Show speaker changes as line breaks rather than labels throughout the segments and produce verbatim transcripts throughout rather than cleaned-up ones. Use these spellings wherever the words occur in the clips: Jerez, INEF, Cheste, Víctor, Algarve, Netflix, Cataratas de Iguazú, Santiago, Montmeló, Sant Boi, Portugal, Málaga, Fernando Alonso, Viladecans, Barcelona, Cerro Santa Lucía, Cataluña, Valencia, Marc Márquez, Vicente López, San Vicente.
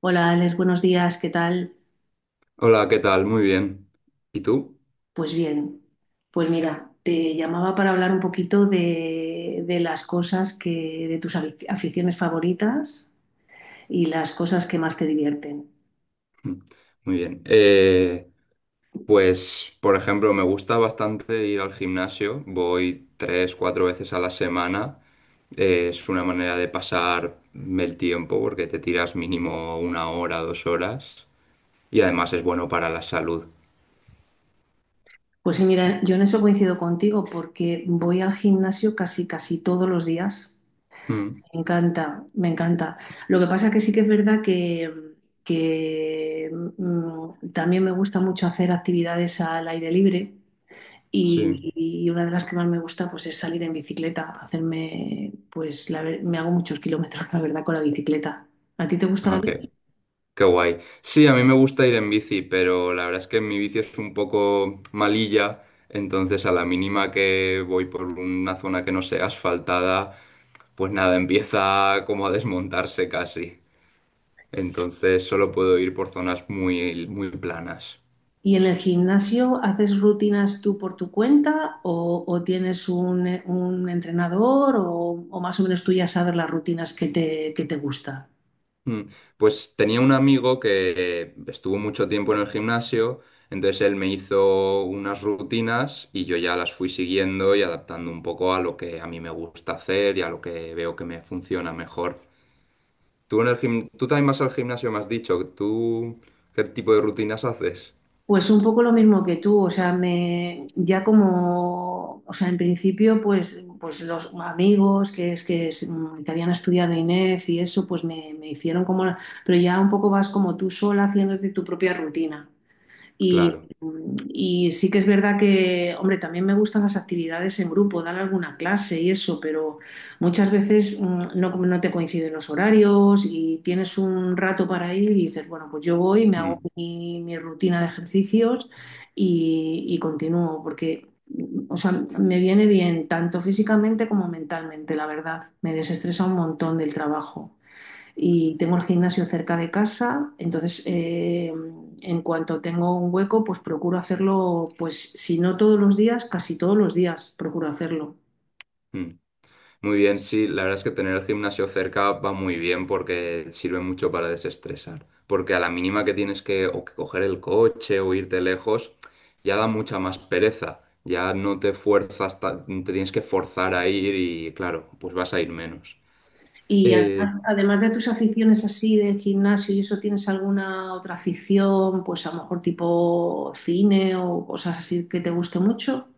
Hola Alex, buenos días, ¿qué tal?
Hola, ¿qué tal? Muy bien. ¿Y tú?
Pues bien, pues mira, te llamaba para hablar un poquito de, de las cosas que, de tus afic- aficiones favoritas y las cosas que más te divierten.
Mm. Muy bien. Eh, pues, por ejemplo, me gusta bastante ir al gimnasio. Voy tres, cuatro veces a la semana. Eh, es una manera de pasar el tiempo porque te tiras mínimo una hora, dos horas. Y además es bueno para la salud.
Pues sí, mira, yo en eso coincido contigo porque voy al gimnasio casi, casi todos los días.
Mm,
Me encanta, me encanta. Lo que pasa que sí que es verdad que, que, mm, también me gusta mucho hacer actividades al aire libre.
sí.
Y, y una de las que más me gusta pues, es salir en bicicleta, hacerme, pues la ver- me hago muchos kilómetros, la verdad, con la bicicleta. ¿A ti te gusta la
Ok.
bicicleta?
Qué guay. Sí, a mí me gusta ir en bici, pero la verdad es que mi bici es un poco malilla, entonces a la mínima que voy por una zona que no sea asfaltada, pues nada, empieza como a desmontarse casi. Entonces solo puedo ir por zonas muy, muy planas.
¿Y en el gimnasio haces rutinas tú por tu cuenta o, o tienes un, un entrenador o, o más o menos tú ya sabes las rutinas que te, que te gusta?
Mm, Pues tenía un amigo que estuvo mucho tiempo en el gimnasio, entonces él me hizo unas rutinas y yo ya las fui siguiendo y adaptando un poco a lo que a mí me gusta hacer y a lo que veo que me funciona mejor. Tú en el gim- tú también vas al gimnasio, me has dicho, ¿tú qué tipo de rutinas haces?
Pues un poco lo mismo que tú, o sea, me ya como, o sea, en principio, pues, pues los amigos que es que es, mm, te habían estudiado INEF y eso, pues me, me hicieron como, la- pero ya un poco vas como tú sola haciéndote tu propia rutina. Y,
Claro.
y sí que es verdad que, hombre, también me gustan las actividades en grupo, dar alguna clase y eso, pero muchas veces mm, no, no te coinciden los horarios y tienes un rato para ir y dices, bueno, pues yo voy, me hago
Mm,
mi, mi rutina de ejercicios y, y continúo, porque, mm, o sea, me viene bien tanto físicamente como mentalmente, la verdad, me desestresa un montón del trabajo y tengo el gimnasio cerca de casa, entonces eh, en cuanto tengo un hueco, pues procuro hacerlo, pues si no todos los días, casi todos los días procuro hacerlo.
mm. Muy bien, sí, la verdad es que tener el gimnasio cerca va muy bien porque sirve mucho para desestresar. Porque a la mínima que tienes que o que coger el coche o irte lejos, ya da mucha más pereza. Ya no te fuerzas, ta- te tienes que forzar a ir y claro, pues vas a ir menos.
Y
Eh,
además, además de tus aficiones así del gimnasio y eso, ¿tienes alguna otra afición, pues a lo mejor tipo cine o cosas así que te guste mucho?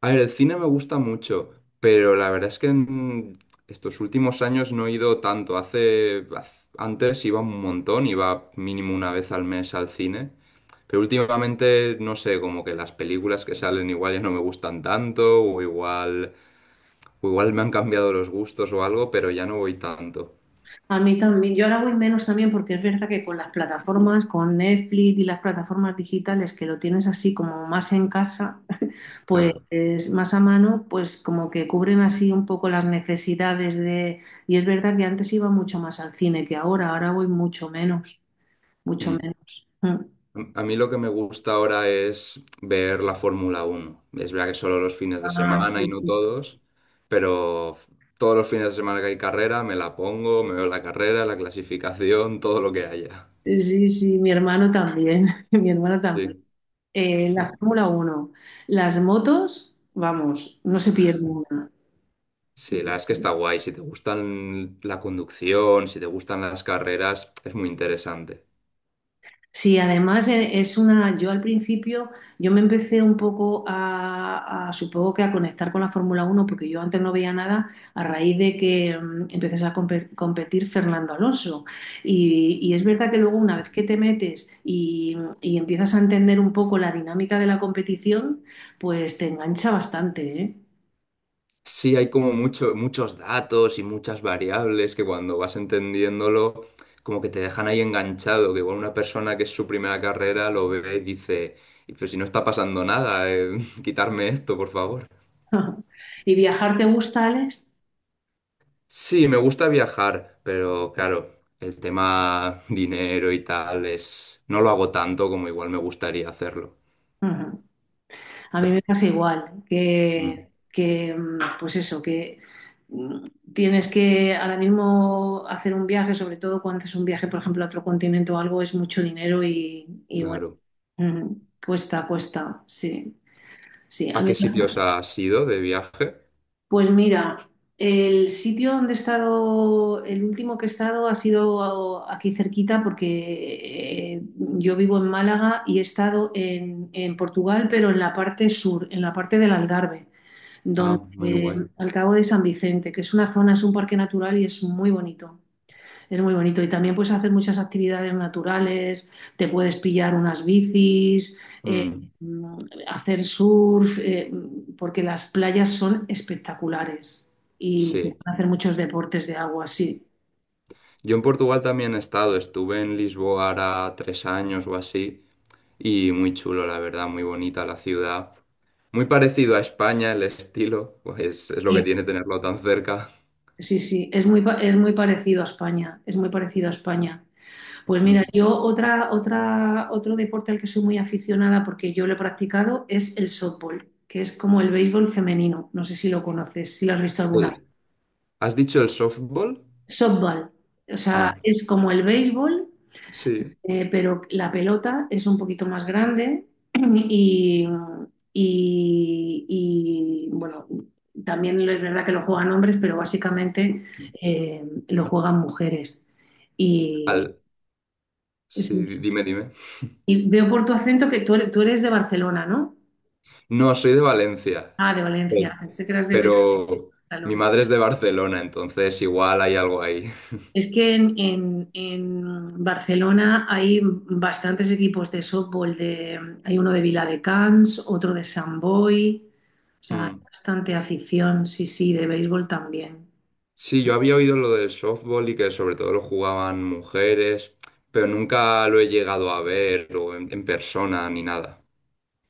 A ver, el cine me gusta mucho, pero la verdad es que en estos últimos años no he ido tanto. Hace, haz- antes iba un montón, iba mínimo una vez al mes al cine, pero últimamente no sé, como que las películas que salen igual ya no me gustan tanto, o igual, o igual me han cambiado los gustos o algo, pero ya no voy tanto.
A mí también, yo ahora voy menos también porque es verdad que con las plataformas, con Netflix y las plataformas digitales que lo tienes así como más en casa, pues
Claro.
más a mano, pues como que cubren así un poco las necesidades de... Y es verdad que antes iba mucho más al cine que ahora, ahora, voy mucho menos, mucho
Mm.
menos. Mm.
A a mí lo que me gusta ahora es ver la Fórmula Uno. Es verdad que solo los fines de
Ah,
semana
sí,
y no
sí.
todos, pero todos los fines de semana que hay carrera me la pongo, me veo la carrera, la clasificación, todo lo que haya.
Sí, sí, mi hermano también, mi hermano
Sí.
también. Eh, la Fórmula Uno, las motos, vamos, no se pierde una.
Sí, la verdad es que está guay. Si te gustan la conducción, si te gustan las carreras, es muy interesante.
Sí, además e- es una, yo al principio, yo me empecé un poco a, a, supongo que a conectar con la Fórmula Uno, porque yo antes no veía nada a raíz de que mm, empezase a compe- competir Fernando Alonso. Y, y es verdad que luego una vez que te metes y, y empiezas a entender un poco la dinámica de la competición, pues te engancha bastante, ¿eh?
Sí, hay como mucho- muchos datos y muchas variables que cuando vas entendiéndolo, como que te dejan ahí enganchado, que igual una persona que es su primera carrera lo ve y dice: "Y pero si no está pasando nada, eh, quitarme esto, por favor".
¿Y viajar te gusta, Alex?
Sí, me gusta viajar, pero claro, el tema dinero y tal es… No lo hago tanto como igual me gustaría hacerlo.
Ujú. A mí
Ah,
me pasa igual, que,
mm,
que, mm, pues eso, que mm, tienes que ahora mismo hacer un viaje, sobre todo cuando haces un viaje, por ejemplo, a otro continente o algo, es mucho dinero y, y bueno,
claro.
mm, cuesta, cuesta, sí, sí.
¿A
A mí,
qué sitios has ido de viaje?
pues mira, el sitio donde he estado, el último que he estado ha sido aquí cerquita porque eh, yo vivo en Málaga y he estado en en Portugal, pero en la parte sur, en la parte del Algarve
Ah, muy
donde
guay.
al cabo de San Vicente, que es una zona, es un parque natural y es muy bonito. Es muy bonito y también puedes hacer muchas actividades naturales, te puedes pillar unas bicis, eh,
Mm,
hacer surf, eh, porque las playas son espectaculares y se pueden
sí.
hacer muchos deportes de agua, sí.
Yo en Portugal también he estado, estuve en Lisboa ahora tres años o así, y muy chulo, la verdad, muy bonita la ciudad. Muy parecido a España el estilo, pues es lo que
Sí.
tiene tenerlo tan cerca.
Sí, sí, es muy, pa- es muy parecido a España, es muy parecido a España. Pues mira,
Mm.
yo otra, otra, otro deporte al que soy muy aficionada porque yo lo he practicado es el softball, que es como el béisbol femenino. No sé si lo conoces, si lo has visto alguna vez.
Eh, ¿Has dicho el softball?
Softball, o
Ah,
sea, es como el béisbol,
sí.
eh, pero la pelota es un poquito más grande y, y- y, bueno, también es verdad que lo juegan hombres, pero básicamente eh, lo juegan mujeres. Y,
Al,
sí,
sí, di- dime, dime.
Y veo por tu acento que tú eres, tú eres de Barcelona, ¿no?
No, soy de Valencia.
Ah, de Valencia.
Sí,
Pensé que eras de
pero mi
Cataluña.
madre es de Barcelona, entonces igual hay algo ahí.
Es que en, en- en Barcelona hay bastantes equipos de softball. De, hay uno de Viladecans, otro de Sant Boi. O sea, hay
Mm.
bastante afición, sí, sí, de béisbol también.
Sí, yo había oído lo del softball y que sobre todo lo jugaban mujeres, pero nunca lo he llegado a ver o en, en persona ni nada.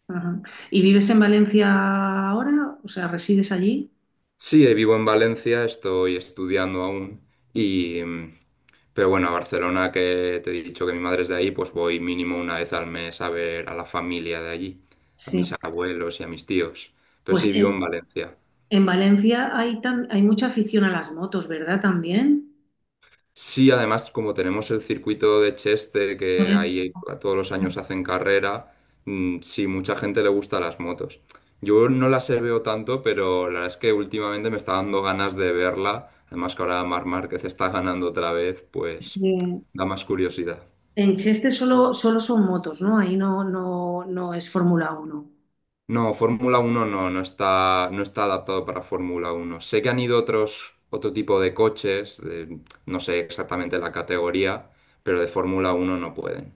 Ajá. ¿Y vives en Valencia ahora? O sea, ¿resides allí?
Sí, eh, vivo en Valencia, estoy estudiando aún y… mm, pero bueno, a Barcelona, que te he dicho que mi madre es de ahí, pues voy mínimo una vez al mes a ver a la familia de allí, a mis
Sí.
abuelos y a mis tíos. Pero
Pues
sí, vivo
en,
en Valencia.
en Valencia hay, tan hay mucha afición a las motos, ¿verdad? También.
Sí, además, como tenemos el circuito de Cheste, que
Correcto.
ahí todos los años hacen carrera, mm, sí, mucha gente le gusta las motos. Yo no las he veo tanto, pero la verdad es que últimamente me está dando ganas de verla. Además que ahora Marc Márquez está ganando otra vez, pues
Sí.
da más curiosidad.
En Cheste solo, solo son motos, ¿no? Ahí no, no, no es Fórmula Uno.
No, Fórmula Uno no, no está, no está adaptado para Fórmula Uno. Sé que han ido otros, otro tipo de coches, de- no sé exactamente la categoría, pero de Fórmula Uno no pueden.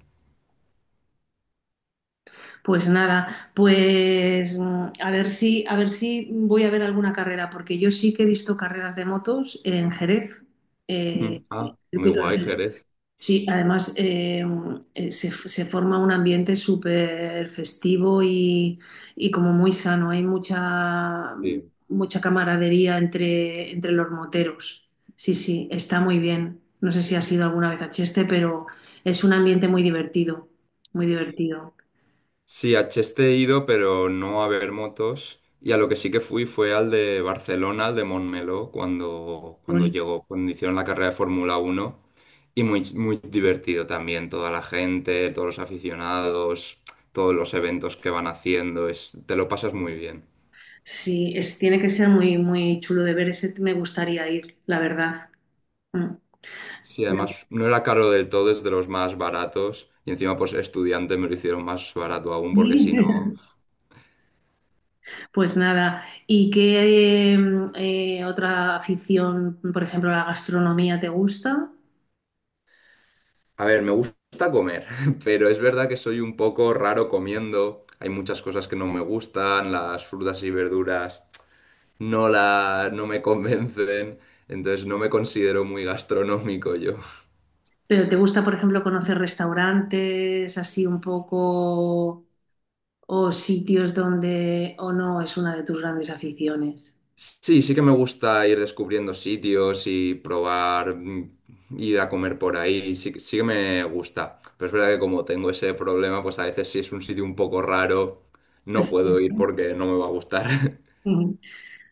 Pues nada, pues mm, a ver si, a ver si voy a ver alguna carrera, porque yo sí que he visto carreras de motos en Jerez, eh,
Mm. Ah, muy
circuito de
guay,
Jerez.
Jerez.
Sí, además eh, eh, se, se forma un ambiente súper festivo y, y como muy sano. Hay mucha,
Sí.
mucha camaradería entre, entre los moteros. Sí, sí, está muy bien. No sé si has ido alguna vez a Cheste, pero es un ambiente muy divertido, muy divertido.
Sí, a Cheste he ido, pero no a ver motos. Y a lo que sí que fui fue al de Barcelona, al de Montmeló, cuando,
Qué
cuando
bonito.
llegó, cuando hicieron la carrera de Fórmula Uno. Y muy, muy divertido también, toda la gente, todos los aficionados, todos los eventos que van haciendo. Es, te lo pasas muy bien.
Sí, es, tiene que ser muy, muy chulo de ver. Ese me gustaría ir, la verdad. Mm.
Sí, además no era caro del todo, es de los más baratos. Y encima, pues estudiante me lo hicieron más barato aún, porque
Sí.
si no.
Pues nada, ¿y qué mm, eh, otra afición, por ejemplo, la gastronomía te gusta?
A ver, me gusta comer, pero es verdad que soy un poco raro comiendo. Hay muchas cosas que no me gustan, las frutas y verduras no la, no me convencen, entonces no me considero muy gastronómico yo.
¿Pero te gusta, por ejemplo, conocer restaurantes así un poco o sitios donde o no es una de tus grandes aficiones?
Sí, sí que me gusta ir descubriendo sitios y probar, mm, ir a comer por ahí, sí, que- sí que me gusta. Pero es verdad que como tengo ese problema, pues a veces si es un sitio un poco raro, no puedo ir porque no me va a gustar.
Sí.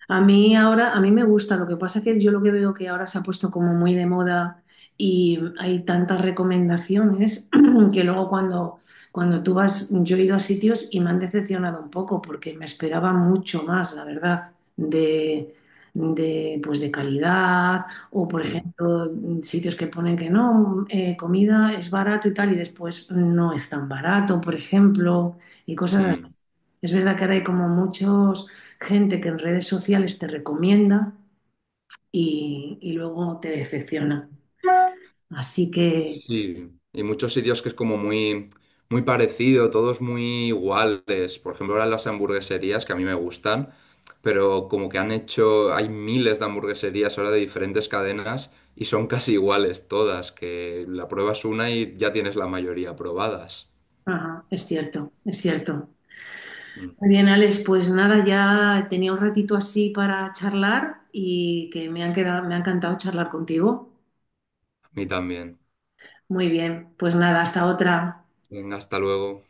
A mí ahora, a mí me gusta, lo que pasa es que yo lo que veo que ahora se ha puesto como muy de moda y hay tantas recomendaciones que luego cuando, cuando tú vas, yo he ido a sitios y me han decepcionado un poco porque me esperaba mucho más, la verdad, de, de, pues de calidad o, por
Sí.
ejemplo, sitios que ponen que no, eh, comida es barato y tal y después no es tan barato, por ejemplo, y cosas
Mm.
así. Es verdad que ahora hay como muchos gente que en redes sociales te recomienda y, y luego te decepciona. Así que
Sí, y muchos sitios que es como muy, muy parecido, todos muy iguales. Por ejemplo, ahora las hamburgueserías que a mí me gustan, pero como que han hecho, hay miles de hamburgueserías ahora de diferentes cadenas y son casi iguales todas, que la pruebas una y ya tienes la mayoría probadas.
ajá, es cierto, es cierto.
Mm.
Muy bien, Alex, pues nada, ya tenía un ratito así para charlar y que me han quedado, me ha encantado charlar contigo.
A mí también.
Muy bien, pues nada, hasta otra.
Venga, hasta luego.